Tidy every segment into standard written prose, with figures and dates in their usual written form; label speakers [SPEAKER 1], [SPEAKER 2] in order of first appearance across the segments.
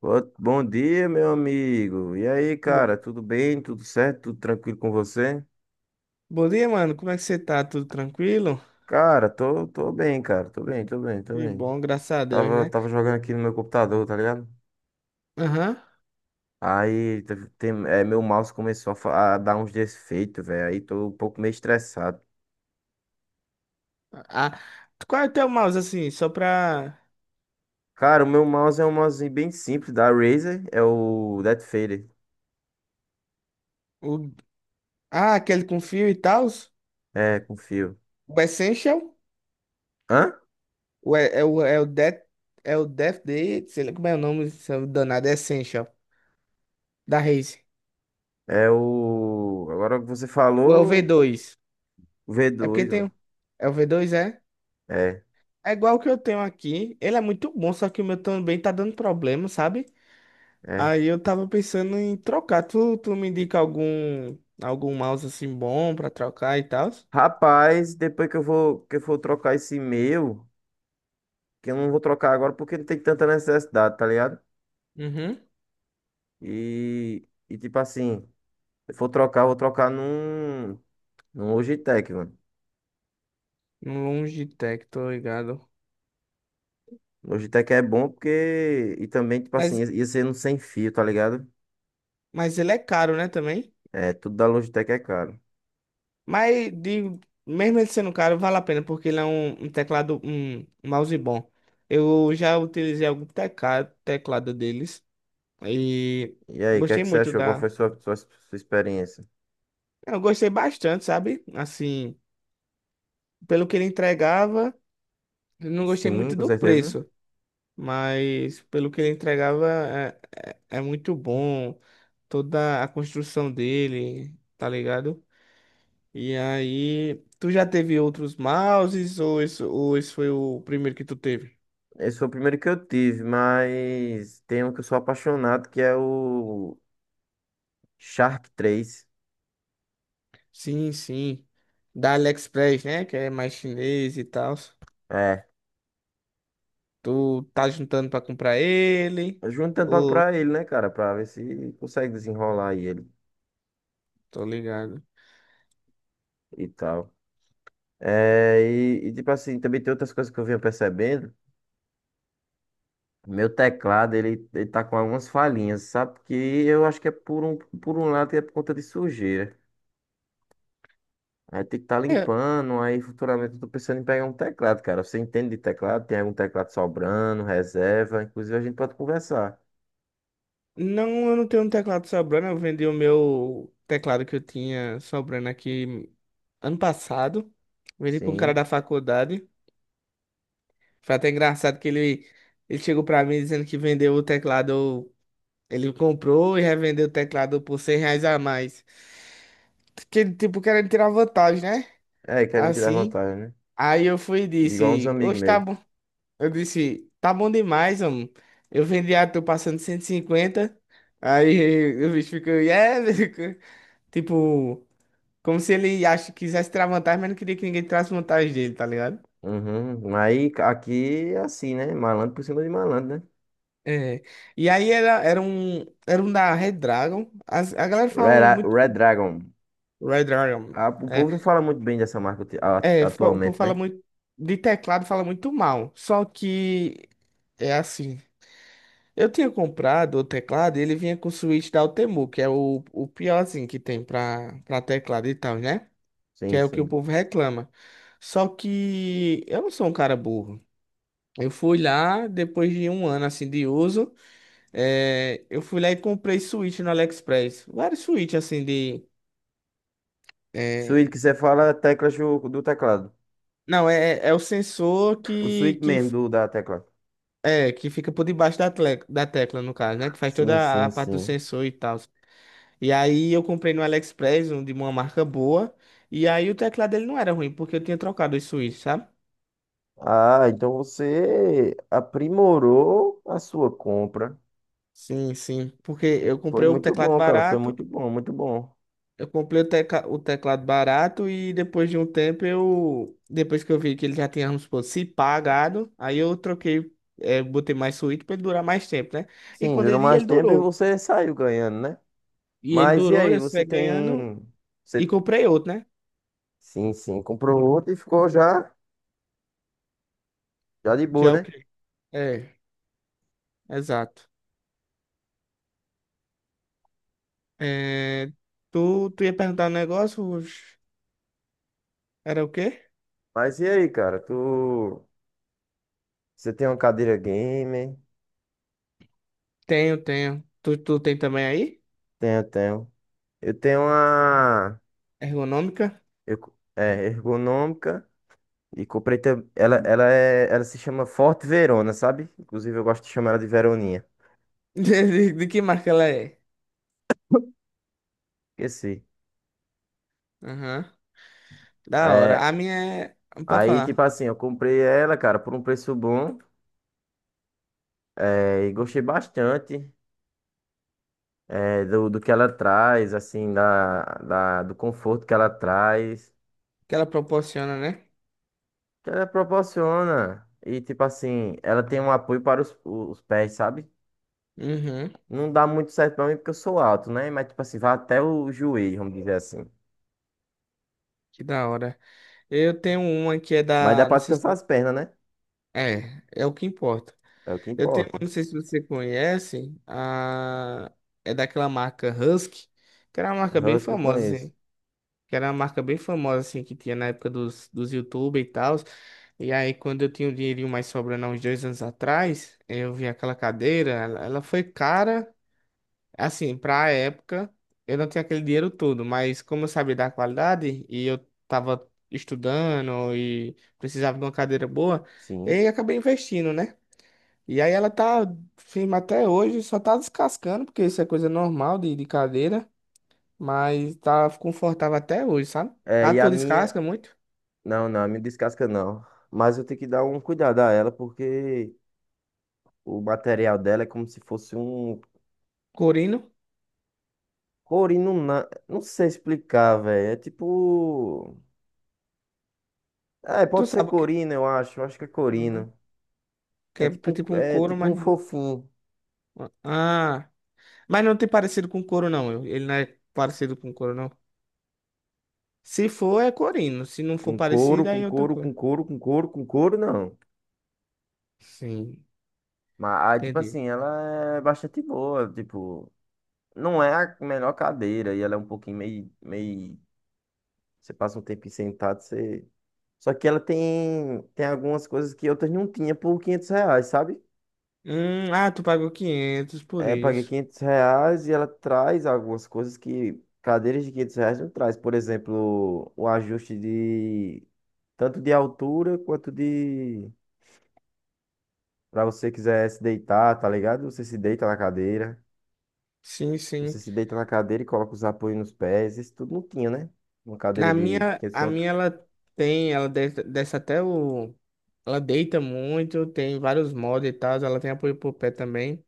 [SPEAKER 1] Bom dia, meu amigo. E aí,
[SPEAKER 2] Bo-
[SPEAKER 1] cara, tudo bem? Tudo certo? Tudo tranquilo com você?
[SPEAKER 2] Bom dia, mano. Como é que você tá? Tudo tranquilo?
[SPEAKER 1] Cara, tô bem, cara. Tô bem, tô bem, tô
[SPEAKER 2] Que
[SPEAKER 1] bem.
[SPEAKER 2] bom, graças a Deus,
[SPEAKER 1] Tava,
[SPEAKER 2] né?
[SPEAKER 1] tava jogando aqui no meu computador, tá ligado?
[SPEAKER 2] Aham.
[SPEAKER 1] Aí meu mouse começou a dar uns defeitos, velho. Aí tô um pouco meio estressado.
[SPEAKER 2] Ah, qual é o teu mouse, assim? Só pra.
[SPEAKER 1] Cara, o meu mouse é um mouse bem simples da Razer. É o Death Fader.
[SPEAKER 2] O. Ah, aquele com fio e tal?
[SPEAKER 1] É, com fio.
[SPEAKER 2] O Essential?
[SPEAKER 1] Hã?
[SPEAKER 2] O, é, é o, é o Death. É o Death Day? Sei lá como é o nome, seu danado. É Essential, da Razer.
[SPEAKER 1] É o. Agora que você
[SPEAKER 2] Ou é o
[SPEAKER 1] falou,
[SPEAKER 2] V2?
[SPEAKER 1] o v
[SPEAKER 2] É porque
[SPEAKER 1] dois.
[SPEAKER 2] tem...
[SPEAKER 1] mano.
[SPEAKER 2] o- É o V2, é?
[SPEAKER 1] É.
[SPEAKER 2] É igual o que eu tenho aqui. Ele é muito bom, só que o meu também tá dando problema, sabe?
[SPEAKER 1] É.
[SPEAKER 2] Aí eu tava pensando em trocar. Tu me indica algum mouse assim bom pra trocar e tal?
[SPEAKER 1] Rapaz, depois que eu for trocar esse e-mail, que eu não vou trocar agora porque não tem tanta necessidade, tá ligado?
[SPEAKER 2] Uhum.
[SPEAKER 1] E tipo assim, se eu for trocar, eu vou trocar num Logitech, mano.
[SPEAKER 2] Um Logitech, tô ligado.
[SPEAKER 1] Logitech é bom porque, e também, tipo assim,
[SPEAKER 2] Mas,
[SPEAKER 1] ia ser um sem fio, tá ligado?
[SPEAKER 2] mas ele é caro, né, também?
[SPEAKER 1] É, tudo da Logitech é caro.
[SPEAKER 2] Mas digo, mesmo ele sendo caro, vale a pena, porque ele é um teclado, um mouse bom. Eu já utilizei algum teclado deles e
[SPEAKER 1] E aí, o que é
[SPEAKER 2] gostei
[SPEAKER 1] que você
[SPEAKER 2] muito
[SPEAKER 1] achou? Qual
[SPEAKER 2] da.
[SPEAKER 1] foi sua experiência?
[SPEAKER 2] Eu gostei bastante, sabe? Assim, pelo que ele entregava, eu não gostei
[SPEAKER 1] Sim,
[SPEAKER 2] muito
[SPEAKER 1] com
[SPEAKER 2] do
[SPEAKER 1] certeza.
[SPEAKER 2] preço. Mas pelo que ele entregava é muito bom toda a construção dele, tá ligado? E aí, tu já teve outros mouses ou esse, foi o primeiro que tu teve?
[SPEAKER 1] Esse foi o primeiro que eu tive, mas tem um que eu sou apaixonado, que é o Shark 3.
[SPEAKER 2] Sim, sim. Da AliExpress, né? Que é mais chinês e tal. Tu tá juntando pra comprar ele?
[SPEAKER 1] Juntando pra,
[SPEAKER 2] Ou
[SPEAKER 1] pra ele, né, cara? Pra ver se consegue desenrolar aí ele
[SPEAKER 2] tô ligado?
[SPEAKER 1] e tal. É, e, tipo assim, também tem outras coisas que eu venho percebendo. Meu teclado, ele tá com algumas falhinhas, sabe? Porque eu acho que é por um lado que é por conta de sujeira. Aí tem que estar tá limpando, aí futuramente eu tô pensando em pegar um teclado, cara. Você entende de teclado? Tem algum teclado sobrando, reserva? Inclusive a gente pode conversar.
[SPEAKER 2] Não, eu não tenho um teclado sobrando. Eu vendi o meu teclado que eu tinha sobrando aqui ano passado. Vendi para um cara
[SPEAKER 1] Sim.
[SPEAKER 2] da faculdade. Foi até engraçado que ele chegou para mim dizendo que vendeu o teclado. Ele comprou e revendeu o teclado por R$ 100 a mais. Que, ele, tipo, querendo tirar vantagem, né?
[SPEAKER 1] É, querem tirar
[SPEAKER 2] Assim.
[SPEAKER 1] vantagem, né?
[SPEAKER 2] Aí eu fui e
[SPEAKER 1] Igual uns
[SPEAKER 2] disse:
[SPEAKER 1] amigos
[SPEAKER 2] Hoje tá
[SPEAKER 1] meus.
[SPEAKER 2] bom. Eu disse: Tá bom demais, homem. Eu vendi a tu passando 150. Aí o bicho ficou, yeah, Tipo, como se ele acha, quisesse tirar vantagem, mas não queria que ninguém tirasse vantagem dele, tá ligado?
[SPEAKER 1] Uhum. Aí aqui é assim, né? Malandro por cima de malandro, né?
[SPEAKER 2] É. E aí era um da Red Dragon. A galera fala muito
[SPEAKER 1] Red Dragon.
[SPEAKER 2] Red Dragon.
[SPEAKER 1] Ah, o
[SPEAKER 2] É,
[SPEAKER 1] povo não fala muito bem dessa marca
[SPEAKER 2] é, o povo
[SPEAKER 1] atualmente,
[SPEAKER 2] fala
[SPEAKER 1] né?
[SPEAKER 2] muito de teclado, fala muito mal. Só que é assim. Eu tinha comprado o teclado, e ele vinha com o switch da Altemu, que é o piorzinho que tem pra teclado e tal, né? Que
[SPEAKER 1] Sim,
[SPEAKER 2] é o que o
[SPEAKER 1] sim.
[SPEAKER 2] povo reclama. Só que eu não sou um cara burro. Eu fui lá, depois de um ano assim de uso, eu fui lá e comprei switch no AliExpress. Vários switch assim de. eh,
[SPEAKER 1] Suíte que você fala é teclas do teclado.
[SPEAKER 2] Não, é, é o sensor
[SPEAKER 1] O
[SPEAKER 2] que,
[SPEAKER 1] suíte
[SPEAKER 2] que,
[SPEAKER 1] mesmo
[SPEAKER 2] f-
[SPEAKER 1] da tecla.
[SPEAKER 2] é, que fica por debaixo da tecla, no caso, né? Que faz
[SPEAKER 1] Sim,
[SPEAKER 2] toda
[SPEAKER 1] sim,
[SPEAKER 2] a parte do
[SPEAKER 1] sim.
[SPEAKER 2] sensor e tal. E aí eu comprei no AliExpress, um de uma marca boa. E aí o teclado dele não era ruim, porque eu tinha trocado os switch, sabe?
[SPEAKER 1] Ah, então você aprimorou a sua compra.
[SPEAKER 2] Sim, sim. Porque eu
[SPEAKER 1] Foi
[SPEAKER 2] comprei o
[SPEAKER 1] muito
[SPEAKER 2] teclado
[SPEAKER 1] bom, cara. Foi
[SPEAKER 2] barato.
[SPEAKER 1] muito bom, muito bom.
[SPEAKER 2] Eu comprei o teclado barato e depois de um tempo eu. Depois que eu vi que ele já tinha, vamos supor, se pagado, aí eu troquei, botei mais suíte pra ele durar mais tempo, né? E
[SPEAKER 1] Sim,
[SPEAKER 2] quando
[SPEAKER 1] durou
[SPEAKER 2] ele ia,
[SPEAKER 1] mais
[SPEAKER 2] ele
[SPEAKER 1] tempo e
[SPEAKER 2] durou.
[SPEAKER 1] você saiu ganhando, né?
[SPEAKER 2] E ele
[SPEAKER 1] Mas e
[SPEAKER 2] durou,
[SPEAKER 1] aí,
[SPEAKER 2] eu
[SPEAKER 1] você
[SPEAKER 2] saí ganhando
[SPEAKER 1] tem. Você.
[SPEAKER 2] e comprei outro, né?
[SPEAKER 1] Sim, sim. Comprou outro e ficou já de boa,
[SPEAKER 2] Já o
[SPEAKER 1] né?
[SPEAKER 2] quê? É, exato. É, tu ia perguntar um negócio? Ruth? Era o quê?
[SPEAKER 1] Mas e aí, cara? Você tem uma cadeira gamer?
[SPEAKER 2] Tenho, tenho. Tu tem também aí?
[SPEAKER 1] Tenho, tenho. Eu tenho uma,
[SPEAKER 2] Ergonômica?
[SPEAKER 1] ergonômica e comprei, ela se chama Forte Verona, sabe? Inclusive eu gosto de chamar ela de Veroninha.
[SPEAKER 2] De que marca ela é?
[SPEAKER 1] Esqueci.
[SPEAKER 2] Aham. Da hora.
[SPEAKER 1] É,
[SPEAKER 2] A minha é. Pode
[SPEAKER 1] aí, tipo
[SPEAKER 2] falar.
[SPEAKER 1] assim, eu comprei ela, cara, por um preço bom, e gostei bastante, do que ela traz, assim, do conforto que ela traz.
[SPEAKER 2] Que ela proporciona, né?
[SPEAKER 1] Ela proporciona. E, tipo assim, ela tem um apoio para os pés, sabe?
[SPEAKER 2] Uhum,
[SPEAKER 1] Não dá muito certo pra mim porque eu sou alto, né? Mas, tipo assim, vai até o joelho, vamos dizer assim.
[SPEAKER 2] que da hora. Eu tenho uma que é
[SPEAKER 1] Mas dá
[SPEAKER 2] da.
[SPEAKER 1] pra
[SPEAKER 2] Não sei se.
[SPEAKER 1] descansar as pernas, né?
[SPEAKER 2] É, é o que importa.
[SPEAKER 1] É o que
[SPEAKER 2] Eu tenho
[SPEAKER 1] importa.
[SPEAKER 2] uma, não sei se você conhece. A. É daquela marca Husky, que era uma marca bem
[SPEAKER 1] Husky eu
[SPEAKER 2] famosa,
[SPEAKER 1] conheço.
[SPEAKER 2] assim. Que era uma marca bem famosa, assim, que tinha na época dos YouTube e tal. E aí, quando eu tinha um dinheirinho mais sobrando há uns 2 anos atrás, eu vi aquela cadeira. Ela foi cara. Assim, pra época, eu não tinha aquele dinheiro todo, mas como eu sabia da qualidade e eu tava estudando e precisava de uma cadeira boa, e
[SPEAKER 1] Sim.
[SPEAKER 2] aí acabei investindo, né? E aí ela tá firme até hoje, só tá descascando, porque isso é coisa normal de cadeira, mas tá confortável até hoje, sabe?
[SPEAKER 1] É,
[SPEAKER 2] A
[SPEAKER 1] e a
[SPEAKER 2] tua
[SPEAKER 1] minha.
[SPEAKER 2] descasca muito,
[SPEAKER 1] Não, não, a minha descasca não. Mas eu tenho que dar um cuidado a ela porque o material dela é como se fosse um.
[SPEAKER 2] corino.
[SPEAKER 1] Corino, não sei explicar, velho. É tipo. É,
[SPEAKER 2] Tu
[SPEAKER 1] pode ser
[SPEAKER 2] sabe o que,
[SPEAKER 1] corino, eu acho. Eu acho que é
[SPEAKER 2] uhum,
[SPEAKER 1] corino.
[SPEAKER 2] que
[SPEAKER 1] É
[SPEAKER 2] é
[SPEAKER 1] tipo um,
[SPEAKER 2] tipo um
[SPEAKER 1] é
[SPEAKER 2] couro,
[SPEAKER 1] tipo um
[SPEAKER 2] mas não.
[SPEAKER 1] fofinho.
[SPEAKER 2] Ah, mas não tem parecido com couro, não. Ele não é parecido com couro, não. Se for, é corino. Se não for
[SPEAKER 1] Com couro,
[SPEAKER 2] parecido, aí
[SPEAKER 1] com
[SPEAKER 2] é outra
[SPEAKER 1] couro, com
[SPEAKER 2] coisa.
[SPEAKER 1] couro, com couro, com couro, não.
[SPEAKER 2] Sim,
[SPEAKER 1] Mas, aí, tipo
[SPEAKER 2] entendi.
[SPEAKER 1] assim, ela é bastante boa. Tipo, não é a melhor cadeira. E ela é um pouquinho meio... Você passa um tempo sentado, você... Só que ela tem algumas coisas que outras não tinha por R$ 500, sabe?
[SPEAKER 2] Ah, tu pagou 500 por
[SPEAKER 1] É, paguei
[SPEAKER 2] isso.
[SPEAKER 1] R$ 500 e ela traz algumas coisas que cadeiras de R$ 500 não traz. Por exemplo, o ajuste de... Tanto de altura quanto de... Pra você quiser se deitar, tá ligado? Você se deita na cadeira.
[SPEAKER 2] Sim,
[SPEAKER 1] Você
[SPEAKER 2] sim.
[SPEAKER 1] se deita na cadeira e coloca os apoios nos pés. Isso tudo não tinha, né? Uma cadeira
[SPEAKER 2] Na
[SPEAKER 1] de
[SPEAKER 2] minha,
[SPEAKER 1] 500
[SPEAKER 2] a
[SPEAKER 1] conto.
[SPEAKER 2] minha ela tem, ela desce até o. Ela deita muito, tem vários mods e tal, ela tem apoio pro pé também.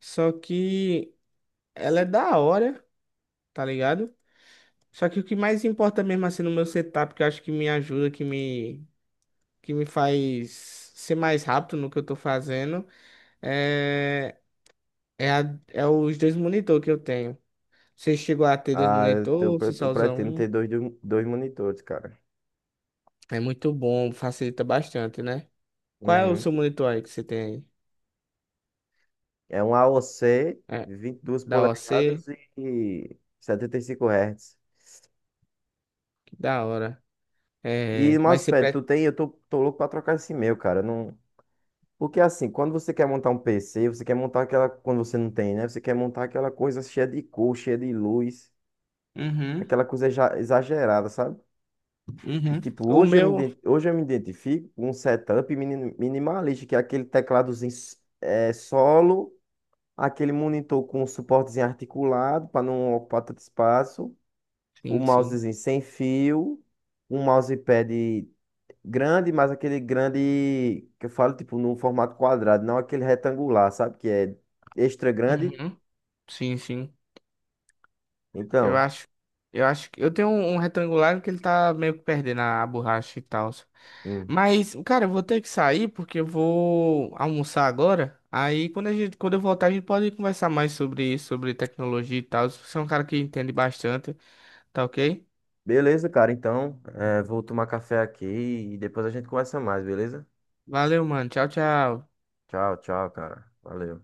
[SPEAKER 2] Só que ela é da hora, tá ligado? Só que o que mais importa mesmo assim no meu setup, que eu acho que me ajuda, que me faz ser mais rápido no que eu tô fazendo, é é os dois monitor que eu tenho. Você chegou a ter dois
[SPEAKER 1] Ah, eu, te- eu
[SPEAKER 2] monitor, se
[SPEAKER 1] pre- eu
[SPEAKER 2] só usa
[SPEAKER 1] pretendo
[SPEAKER 2] um,
[SPEAKER 1] ter dois monitores, cara.
[SPEAKER 2] é muito bom, facilita bastante, né? Qual é o
[SPEAKER 1] Uhum.
[SPEAKER 2] seu monitor aí que você tem
[SPEAKER 1] É um AOC,
[SPEAKER 2] aí? É,
[SPEAKER 1] duas
[SPEAKER 2] da OC?
[SPEAKER 1] polegadas e 75 Hz.
[SPEAKER 2] Que da hora.
[SPEAKER 1] E
[SPEAKER 2] É, mas você
[SPEAKER 1] mousepad,
[SPEAKER 2] pre.
[SPEAKER 1] tu tem? Eu tô louco pra trocar esse meu, cara. Não... Porque assim, quando você quer montar um PC, você quer montar aquela. Quando você não tem, né? Você quer montar aquela coisa cheia de cor, cheia de luz.
[SPEAKER 2] Uhum,
[SPEAKER 1] Aquela coisa exagerada, sabe? E
[SPEAKER 2] uhum.
[SPEAKER 1] tipo,
[SPEAKER 2] O
[SPEAKER 1] hoje eu me,
[SPEAKER 2] meu.
[SPEAKER 1] iden- hoje eu me identifico com um setup minimalista, que é aquele tecladozinho solo, aquele monitor com um suportezinho articulado para não ocupar tanto espaço, o
[SPEAKER 2] Sim, sim.
[SPEAKER 1] mousezinho sem fio, um mousepad grande, mas aquele grande que eu falo, tipo, num formato quadrado, não aquele retangular, sabe? Que é extra grande.
[SPEAKER 2] Uhum. Sim, sim. Eu
[SPEAKER 1] Então.
[SPEAKER 2] acho, eu acho que eu tenho um, retangular que ele tá meio que perdendo a borracha e tal.
[SPEAKER 1] Hum.
[SPEAKER 2] Mas, cara, eu vou ter que sair porque eu vou almoçar agora. Aí quando eu voltar, a gente pode conversar mais sobre isso, sobre tecnologia e tal. Você é um cara que entende bastante, tá ok?
[SPEAKER 1] Beleza, cara. Então, vou tomar café aqui e depois a gente conversa mais, beleza?
[SPEAKER 2] Valeu, mano. Tchau, tchau.
[SPEAKER 1] Tchau, tchau, cara. Valeu.